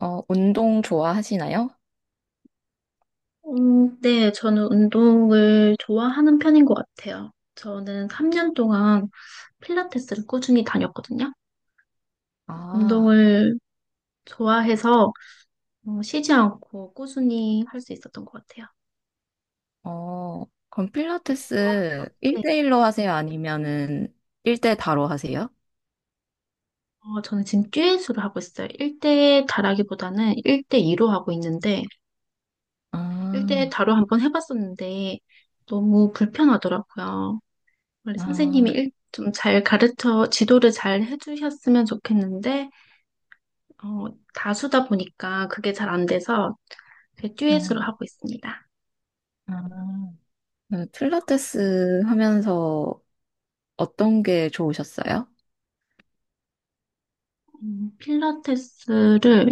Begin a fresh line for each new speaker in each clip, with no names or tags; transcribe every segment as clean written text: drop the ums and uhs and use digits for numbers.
운동 좋아하시나요?
네, 저는 운동을 좋아하는 편인 것 같아요. 저는 3년 동안 필라테스를 꾸준히 다녔거든요.
아,
운동을 좋아해서 쉬지 않고 꾸준히 할 수 있었던 것 같아요.
그럼
운동 좋아?
필라테스
네.
1대1로 하세요? 아니면은 1대 다로 하세요?
저는 지금 듀엣으로 하고 있어요. 1대 다라기보다는 1대2로 하고 있는데 1대
아,
다로 한번 해봤었는데 너무 불편하더라고요. 원래
아,
선생님이 좀 잘 지도를 잘 해주셨으면 좋겠는데 어, 다수다 보니까 그게 잘 안 돼서 그
와,
듀엣으로 하고 있습니다.
아. 네, 필라테스 하면서 어떤 게 좋으셨어요?
필라테스를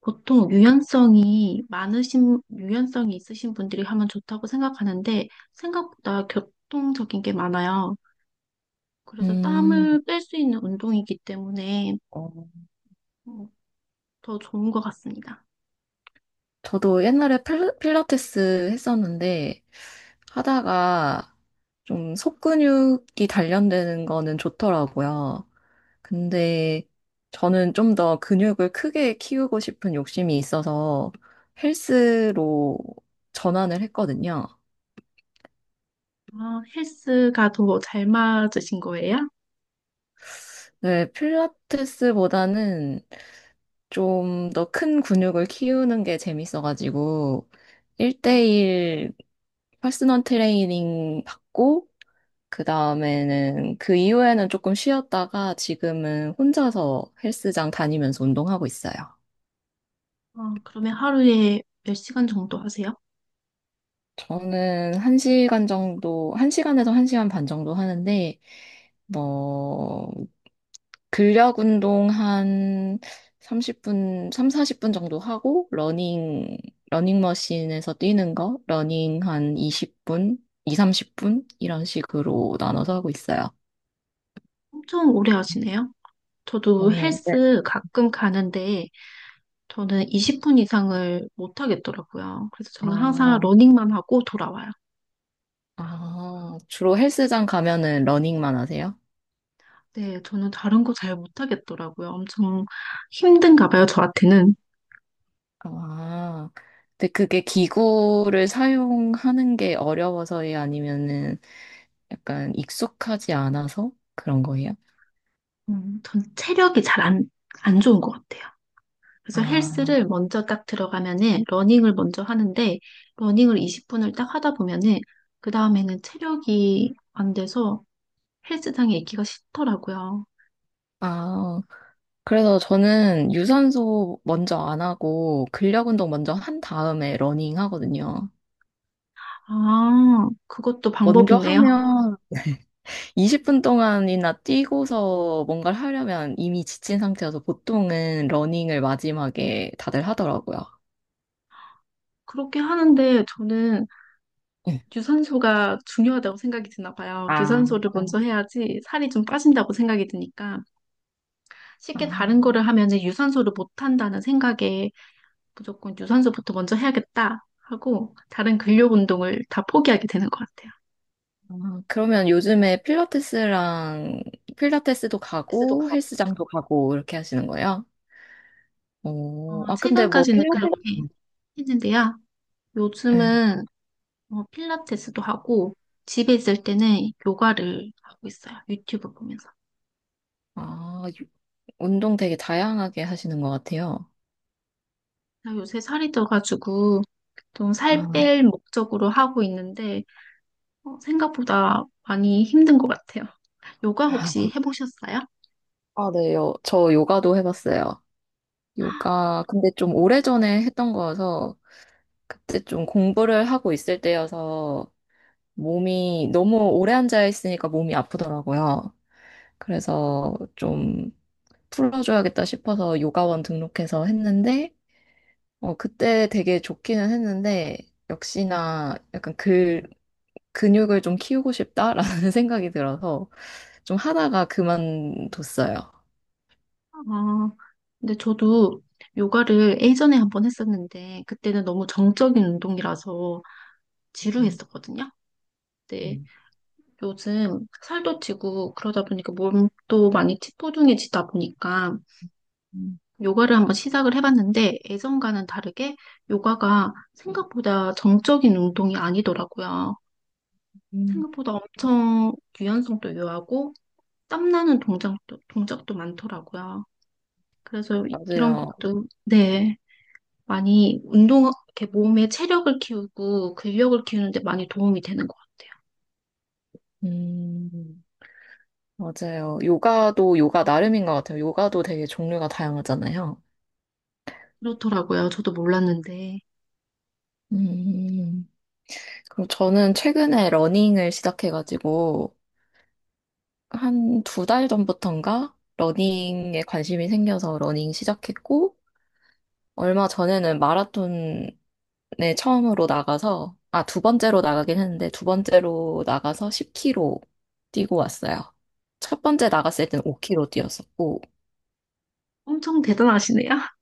보통 유연성이 있으신 분들이 하면 좋다고 생각하는데 생각보다 교통적인 게 많아요. 그래서
음,
땀을 뺄 수 있는 운동이기 때문에
어,
음, 더 좋은 것 같습니다.
저도 옛날에 필라테스 했었는데 하다가 좀 속근육이 단련되는 거는 좋더라고요. 근데 저는 좀 더 근육을 크게 키우고 싶은 욕심이 있어서 헬스로 전환을 했거든요.
아, 헬스가 더 잘 맞으신 거예요?
네, 필라테스보다는 좀 더 큰 근육을 키우는 게 재밌어가지고
네.
1대1 퍼스널 트레이닝 받고 그 다음에는 그 이후에는 조금 쉬었다가 지금은 혼자서 헬스장 다니면서 운동하고 있어요.
그러면 하루에 몇 시간 정도 하세요?
저는 한시간 정도, 한시간에서한시간반 정도 하는데, 뭐, 근력 운동 한 30분, 3, 40분 정도 하고, 러닝, 러닝머신에서 뛰는 거, 러닝 한 20분, 2, 30분? 이런 식으로 나눠서 하고 있어요.
엄청 오래 하시네요. 저도
오, 네.
헬스 가끔 가는데 저는 20분 이상을 못 하겠더라고요. 그래서 저는 항상
아,
러닝만 하고 돌아와요.
아, 주로 헬스장 가면은 러닝만 하세요?
네, 저는 다른 거 잘 못 하겠더라고요. 엄청 힘든가 봐요, 저한테는.
아, 근데 그게 기구를 사용하는 게 어려워서예요? 아니면은 약간 익숙하지 않아서 그런 거예요?
전 체력이 잘 안 좋은 것 같아요. 그래서
아,
헬스를 먼저 딱 들어가면은 러닝을 먼저 하는데 러닝을 20분을 딱 하다 보면은 그 다음에는 체력이 안 돼서 헬스장에 있기가 싫더라고요.
아, 그래서 저는 유산소 먼저 안 하고 근력 운동 먼저 한 다음에 러닝 하거든요.
아, 그것도
먼저
방법이네요.
하면 20분 동안이나 뛰고서 뭔가를 하려면 이미 지친 상태여서 보통은 러닝을 마지막에 다들 하더라고요.
그렇게 하는데 저는
네.
유산소가 중요하다고 생각이 드나 봐요.
아,
유산소를
아,
먼저 해야지 살이 좀 빠진다고 생각이 드니까 쉽게 다른 거를 하면 유산소를 못 한다는 생각에 무조건 유산소부터 먼저 해야겠다 하고 다른 근력 운동을 다 포기하게 되는 것 같아요.
아, 그러면 요즘에 필라테스랑 필라테스도
헬스도
가고
가고.
헬스장도 가고 이렇게 하시는 거예요?
어,
오, 아, 근데 뭐
최근까지는
필라테스,
그렇게 했는데요.
네.
요즘은 필라테스도 하고 집에 있을 때는 요가를 하고 있어요. 유튜브 보면서.
아, 운동 되게 다양하게 하시는 것 같아요.
나 요새 살이 쪄가지고 좀 살
아,
뺄 목적으로 하고 있는데 생각보다 많이 힘든 것 같아요. 요가 혹시 해보셨어요?
아, 네. 저 요가도 해봤어요. 요가, 근데 좀 오래전에 했던 거여서, 그때 좀 공부를 하고 있을 때여서, 몸이, 너무 오래 앉아 있으니까 몸이 아프더라고요. 그래서 좀 풀어줘야겠다 싶어서 요가원 등록해서 했는데, 그때 되게 좋기는 했는데, 역시나 약간 그 근육을 좀 키우고 싶다라는 생각이 들어서 좀 하다가 그만뒀어요.
아, 근데 저도 요가를 예전에 한번 했었는데 그때는 너무 정적인 운동이라서
음,
지루했었거든요. 근데
음.
요즘 살도 찌고 그러다 보니까 몸도 많이 찌뿌둥해지다 보니까
음,
요가를 한번 시작을 해봤는데 예전과는 다르게 요가가 생각보다 정적인 운동이 아니더라고요.
음.
생각보다 엄청 유연성도 유하고 땀나는 동작도 많더라고요. 그래서 이런
맞아요.
것도, 네, 많이 이렇게 몸의 체력을 키우고 근력을 키우는데 많이 도움이 되는 것 같아요.
음, 맞아요. 요가도 요가 나름인 것 같아요. 요가도 되게 종류가 다양하잖아요.
그렇더라고요. 저도 몰랐는데.
음. 그리고 저는 최근에 러닝을 시작해가지고 한 두 달 전부턴가 러닝에 관심이 생겨서 러닝 시작했고 얼마 전에는 마라톤에 처음으로 나가서, 아, 두 번째로 나가긴 했는데, 두 번째로 나가서 10km 뛰고 왔어요. 첫 번째 나갔을 때는 5km 뛰었었고,
엄청 대단하시네요.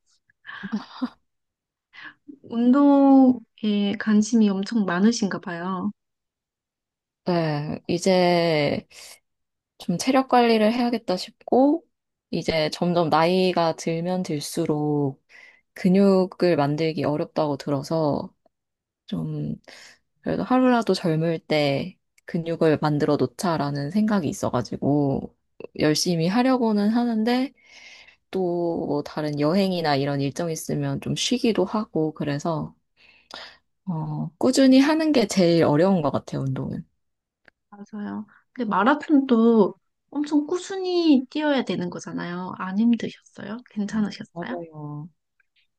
운동에 관심이 엄청 많으신가 봐요.
네, 이제 좀 체력 관리를 해야겠다 싶고, 이제 점점 나이가 들면 들수록 근육을 만들기 어렵다고 들어서, 좀, 그래도 하루라도 젊을 때 근육을 만들어 놓자라는 생각이 있어가지고, 열심히 하려고는 하는데, 또 뭐 다른 여행이나 이런 일정 있으면 좀 쉬기도 하고, 그래서, 꾸준히 하는 게 제일 어려운 것 같아요, 운동은.
맞아요. 근데 마라톤도 엄청 꾸준히 뛰어야 되는 거잖아요. 안 힘드셨어요?
음,
괜찮으셨어요?
맞아요.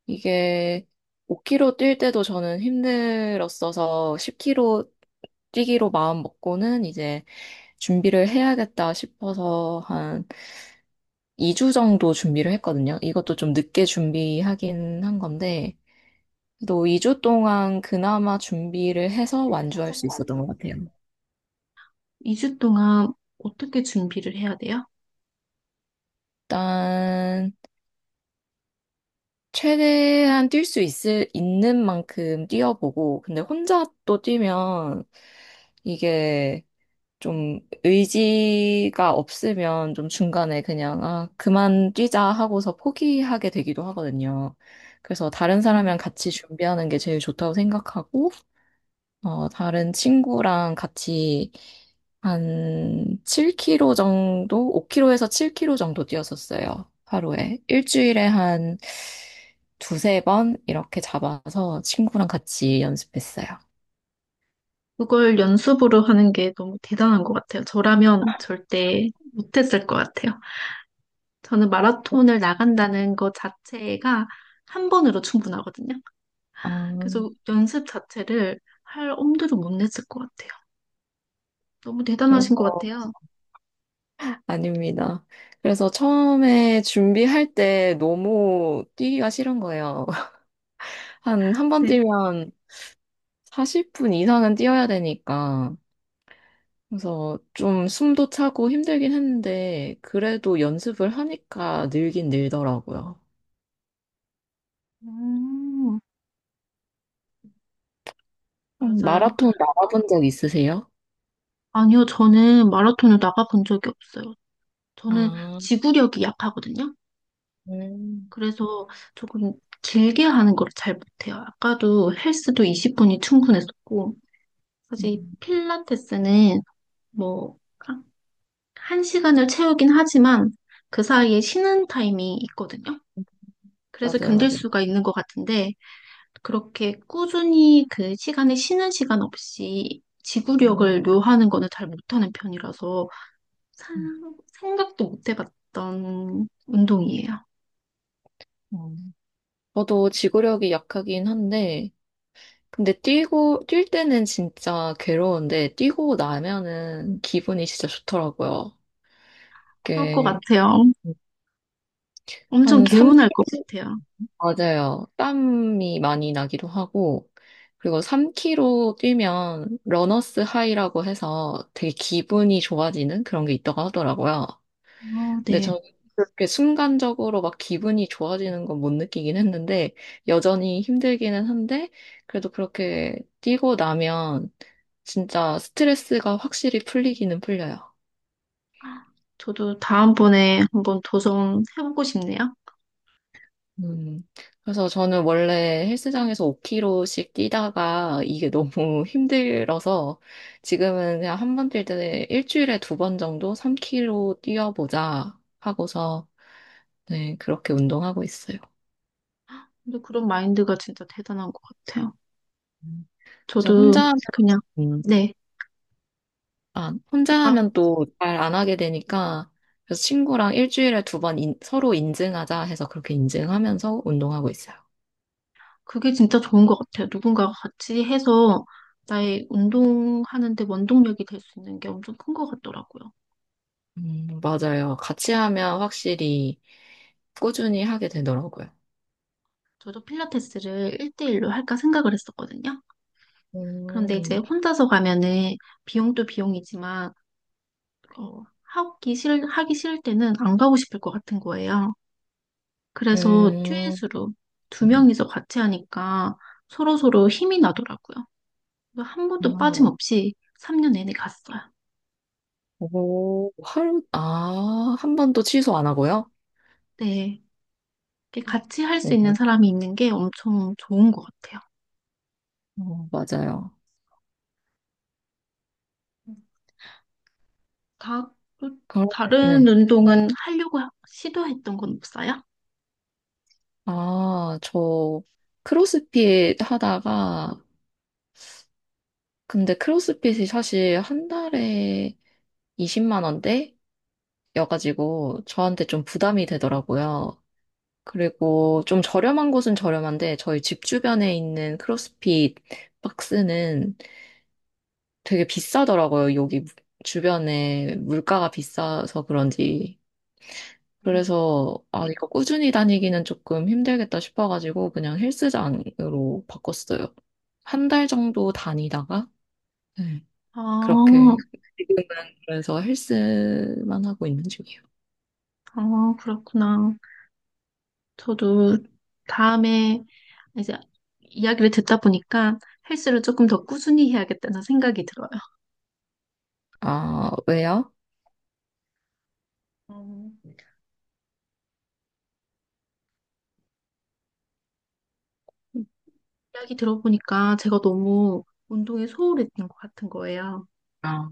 이게 5km 뛸 때도 저는 힘들었어서 10km 뛰기로 마음 먹고는 이제 준비를 해야겠다 싶어서 한 2주 정도 준비를 했거든요. 이것도 좀 늦게 준비하긴 한 건데, 그래도 2주 동안 그나마 준비를 해서 완주할 수 있었던 것 같아요.
2주 동안 어떻게 준비를 해야 돼요?
일단, 최대한 뛸 수 있을, 있는 만큼 뛰어보고, 근데 혼자 또 뛰면, 이게 좀 의지가 없으면 좀 중간에 그냥, 아, 그만 뛰자 하고서 포기하게 되기도 하거든요. 그래서 다른
음.
사람이랑 같이 준비하는 게 제일 좋다고 생각하고, 다른 친구랑 같이 한 7km 정도, 5km에서 7km 정도 뛰었었어요. 하루에. 일주일에 한 두세 번 이렇게 잡아서 친구랑 같이 연습했어요.
그걸 연습으로 하는 게 너무 대단한 것 같아요. 저라면 절대 못했을 것 같아요. 저는 마라톤을 나간다는 것 자체가 한 번으로 충분하거든요.
아,
그래서 연습 자체를 할 엄두를 못 냈을 것 같아요. 너무
그래서,
대단하신 것 같아요.
아닙니다. 그래서 처음에 준비할 때 너무 뛰기가 싫은 거예요. 한 번
네,
뛰면 40분 이상은 뛰어야 되니까. 그래서 좀 숨도 차고 힘들긴 했는데, 그래도 연습을 하니까 늘긴 늘더라고요.
음. 맞아요.
마라톤 나가본 적 있으세요?
아니요, 저는 마라톤을 나가본 적이 없어요. 저는
아,
지구력이 약하거든요.
음.
그래서 조금 길게 하는 걸 잘 못해요. 아까도 헬스도 20분이 충분했었고,
음,
사실 이 필라테스는 뭐, 한 시간을 채우긴 하지만 그 사이에 쉬는 타임이 있거든요. 그래서
맞아요,
견딜
맞아요.
수가 있는 것 같은데, 그렇게 꾸준히 그 시간에 쉬는 시간 없이
음,
지구력을 요하는 거는 잘 못하는 편이라서
음.
생각도 못 해봤던 운동이에요.
음. 저도 지구력이 약하긴 한데, 근데 뛰고, 뛸 때는 진짜 괴로운데, 뛰고 나면은 기분이 진짜 좋더라고요.
그럴 것
이게
같아요. 엄청
한
개운할 것 같아요.
맞아요. 땀이 많이 나기도 하고, 그리고 3km 뛰면 러너스 하이라고 해서 되게 기분이 좋아지는 그런 게 있다고 하더라고요.
어,
근데
네.
저는 그렇게 순간적으로 막 기분이 좋아지는 건 못 느끼긴 했는데, 여전히 힘들기는 한데, 그래도 그렇게 뛰고 나면 진짜 스트레스가 확실히 풀리기는 풀려요.
저도 다음번에 한번 도성 해보고 싶네요.
음, 그래서 저는 원래 헬스장에서 5kg씩 뛰다가 이게 너무 힘들어서 지금은 그냥 한 번 뛸 때 일주일에 두 번 정도 3kg 뛰어보자 하고서 네, 그렇게 운동하고 있어요.
근데 그런 마인드가 진짜 대단한 것 같아요.
음. 그래서
저도
혼자 하면,
그냥,
음,
네.
아, 혼자
아,
하면 또 잘 안 하게 되니까 그래서 친구랑 일주일에 두 번 서로 인증하자 해서 그렇게 인증하면서 운동하고 있어요.
그게 진짜 좋은 것 같아요. 누군가가 같이 해서 나의 운동하는데 원동력이 될 수 있는 게 엄청 큰 것 같더라고요.
맞아요. 같이 하면 확실히 꾸준히 하게 되더라고요.
저도 필라테스를 1대1로 할까 생각을 했었거든요. 그런데 이제
음,
혼자서 가면은 비용도 비용이지만, 하기 싫을 때는 안 가고 싶을 것 같은 거예요. 그래서
음,
듀엣으로 두 명이서 같이 하니까 서로서로 힘이 나더라고요. 그래서 한
아,
번도
맞-
빠짐없이 3년 내내 갔어요.
오, 아, 한 번도 취소 안 하고요?
네. 이렇게 같이 할 수 있는
오,
사람이 있는 게 엄청 좋은 것 같아요.
맞아요.
다, 또
그럼,
다른
네.
운동은 하려고 시도했던 건 없어요?
아, 저 크로스핏 하다가, 근데 크로스핏이 사실 한 달에 20만 원대여가지고 저한테 좀 부담이 되더라고요. 그리고 좀 저렴한 곳은 저렴한데 저희 집 주변에 있는 크로스핏 박스는 되게 비싸더라고요. 여기 주변에 물가가 비싸서 그런지.
네.
그래서 아, 이거 꾸준히 다니기는 조금 힘들겠다 싶어가지고 그냥 헬스장으로 바꿨어요. 한 달 정도 다니다가 네,
아,
그렇게 지금은 그래서 헬스만 하고 있는 중이에요.
아, 그렇구나. 저도 다음에 이제 이야기를 듣다 보니까 헬스를 조금 더 꾸준히 해야겠다는 생각이 들어요.
아, 왜요?
어, 이야기 들어보니까 제가 너무 운동에 소홀했던 것 같은 거예요.
아,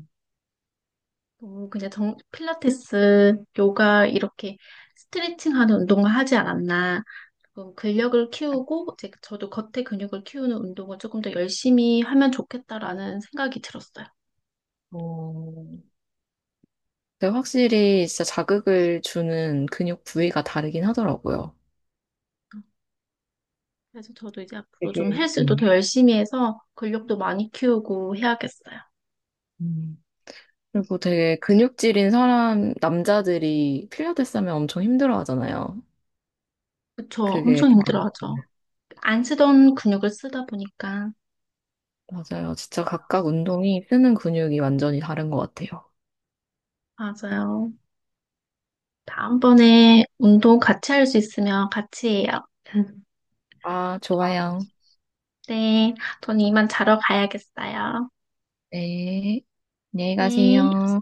너무 그냥 필라테스, 요가 이렇게 스트레칭하는 운동을 하지 않았나. 그럼 근력을 키우고 이제 저도 겉에 근육을 키우는 운동을 조금 더 열심히 하면 좋겠다라는 생각이 들었어요.
어, 근데 확실히 진짜 자극을 주는 근육 부위가 다르긴 하더라고요.
그래서 저도 이제 앞으로 좀
되게,
헬스도 더
음,
열심히 해서 근력도 많이 키우고 해야겠어요.
음, 그리고 되게 근육질인 사람, 남자들이 필라테스 하면 엄청 힘들어 하잖아요.
그쵸?
그게
엄청
다, 맞
힘들어하죠. 안 쓰던 근육을 쓰다 보니까.
맞아요. 진짜 각각 운동이 쓰는 근육이 완전히 다른 것 같아요.
맞아요. 다음번에 운동 같이 할 수 있으면 같이 해요.
아, 좋아요.
네, 전 이만 자러 가야겠어요.
네. 안녕히
네.
가세요.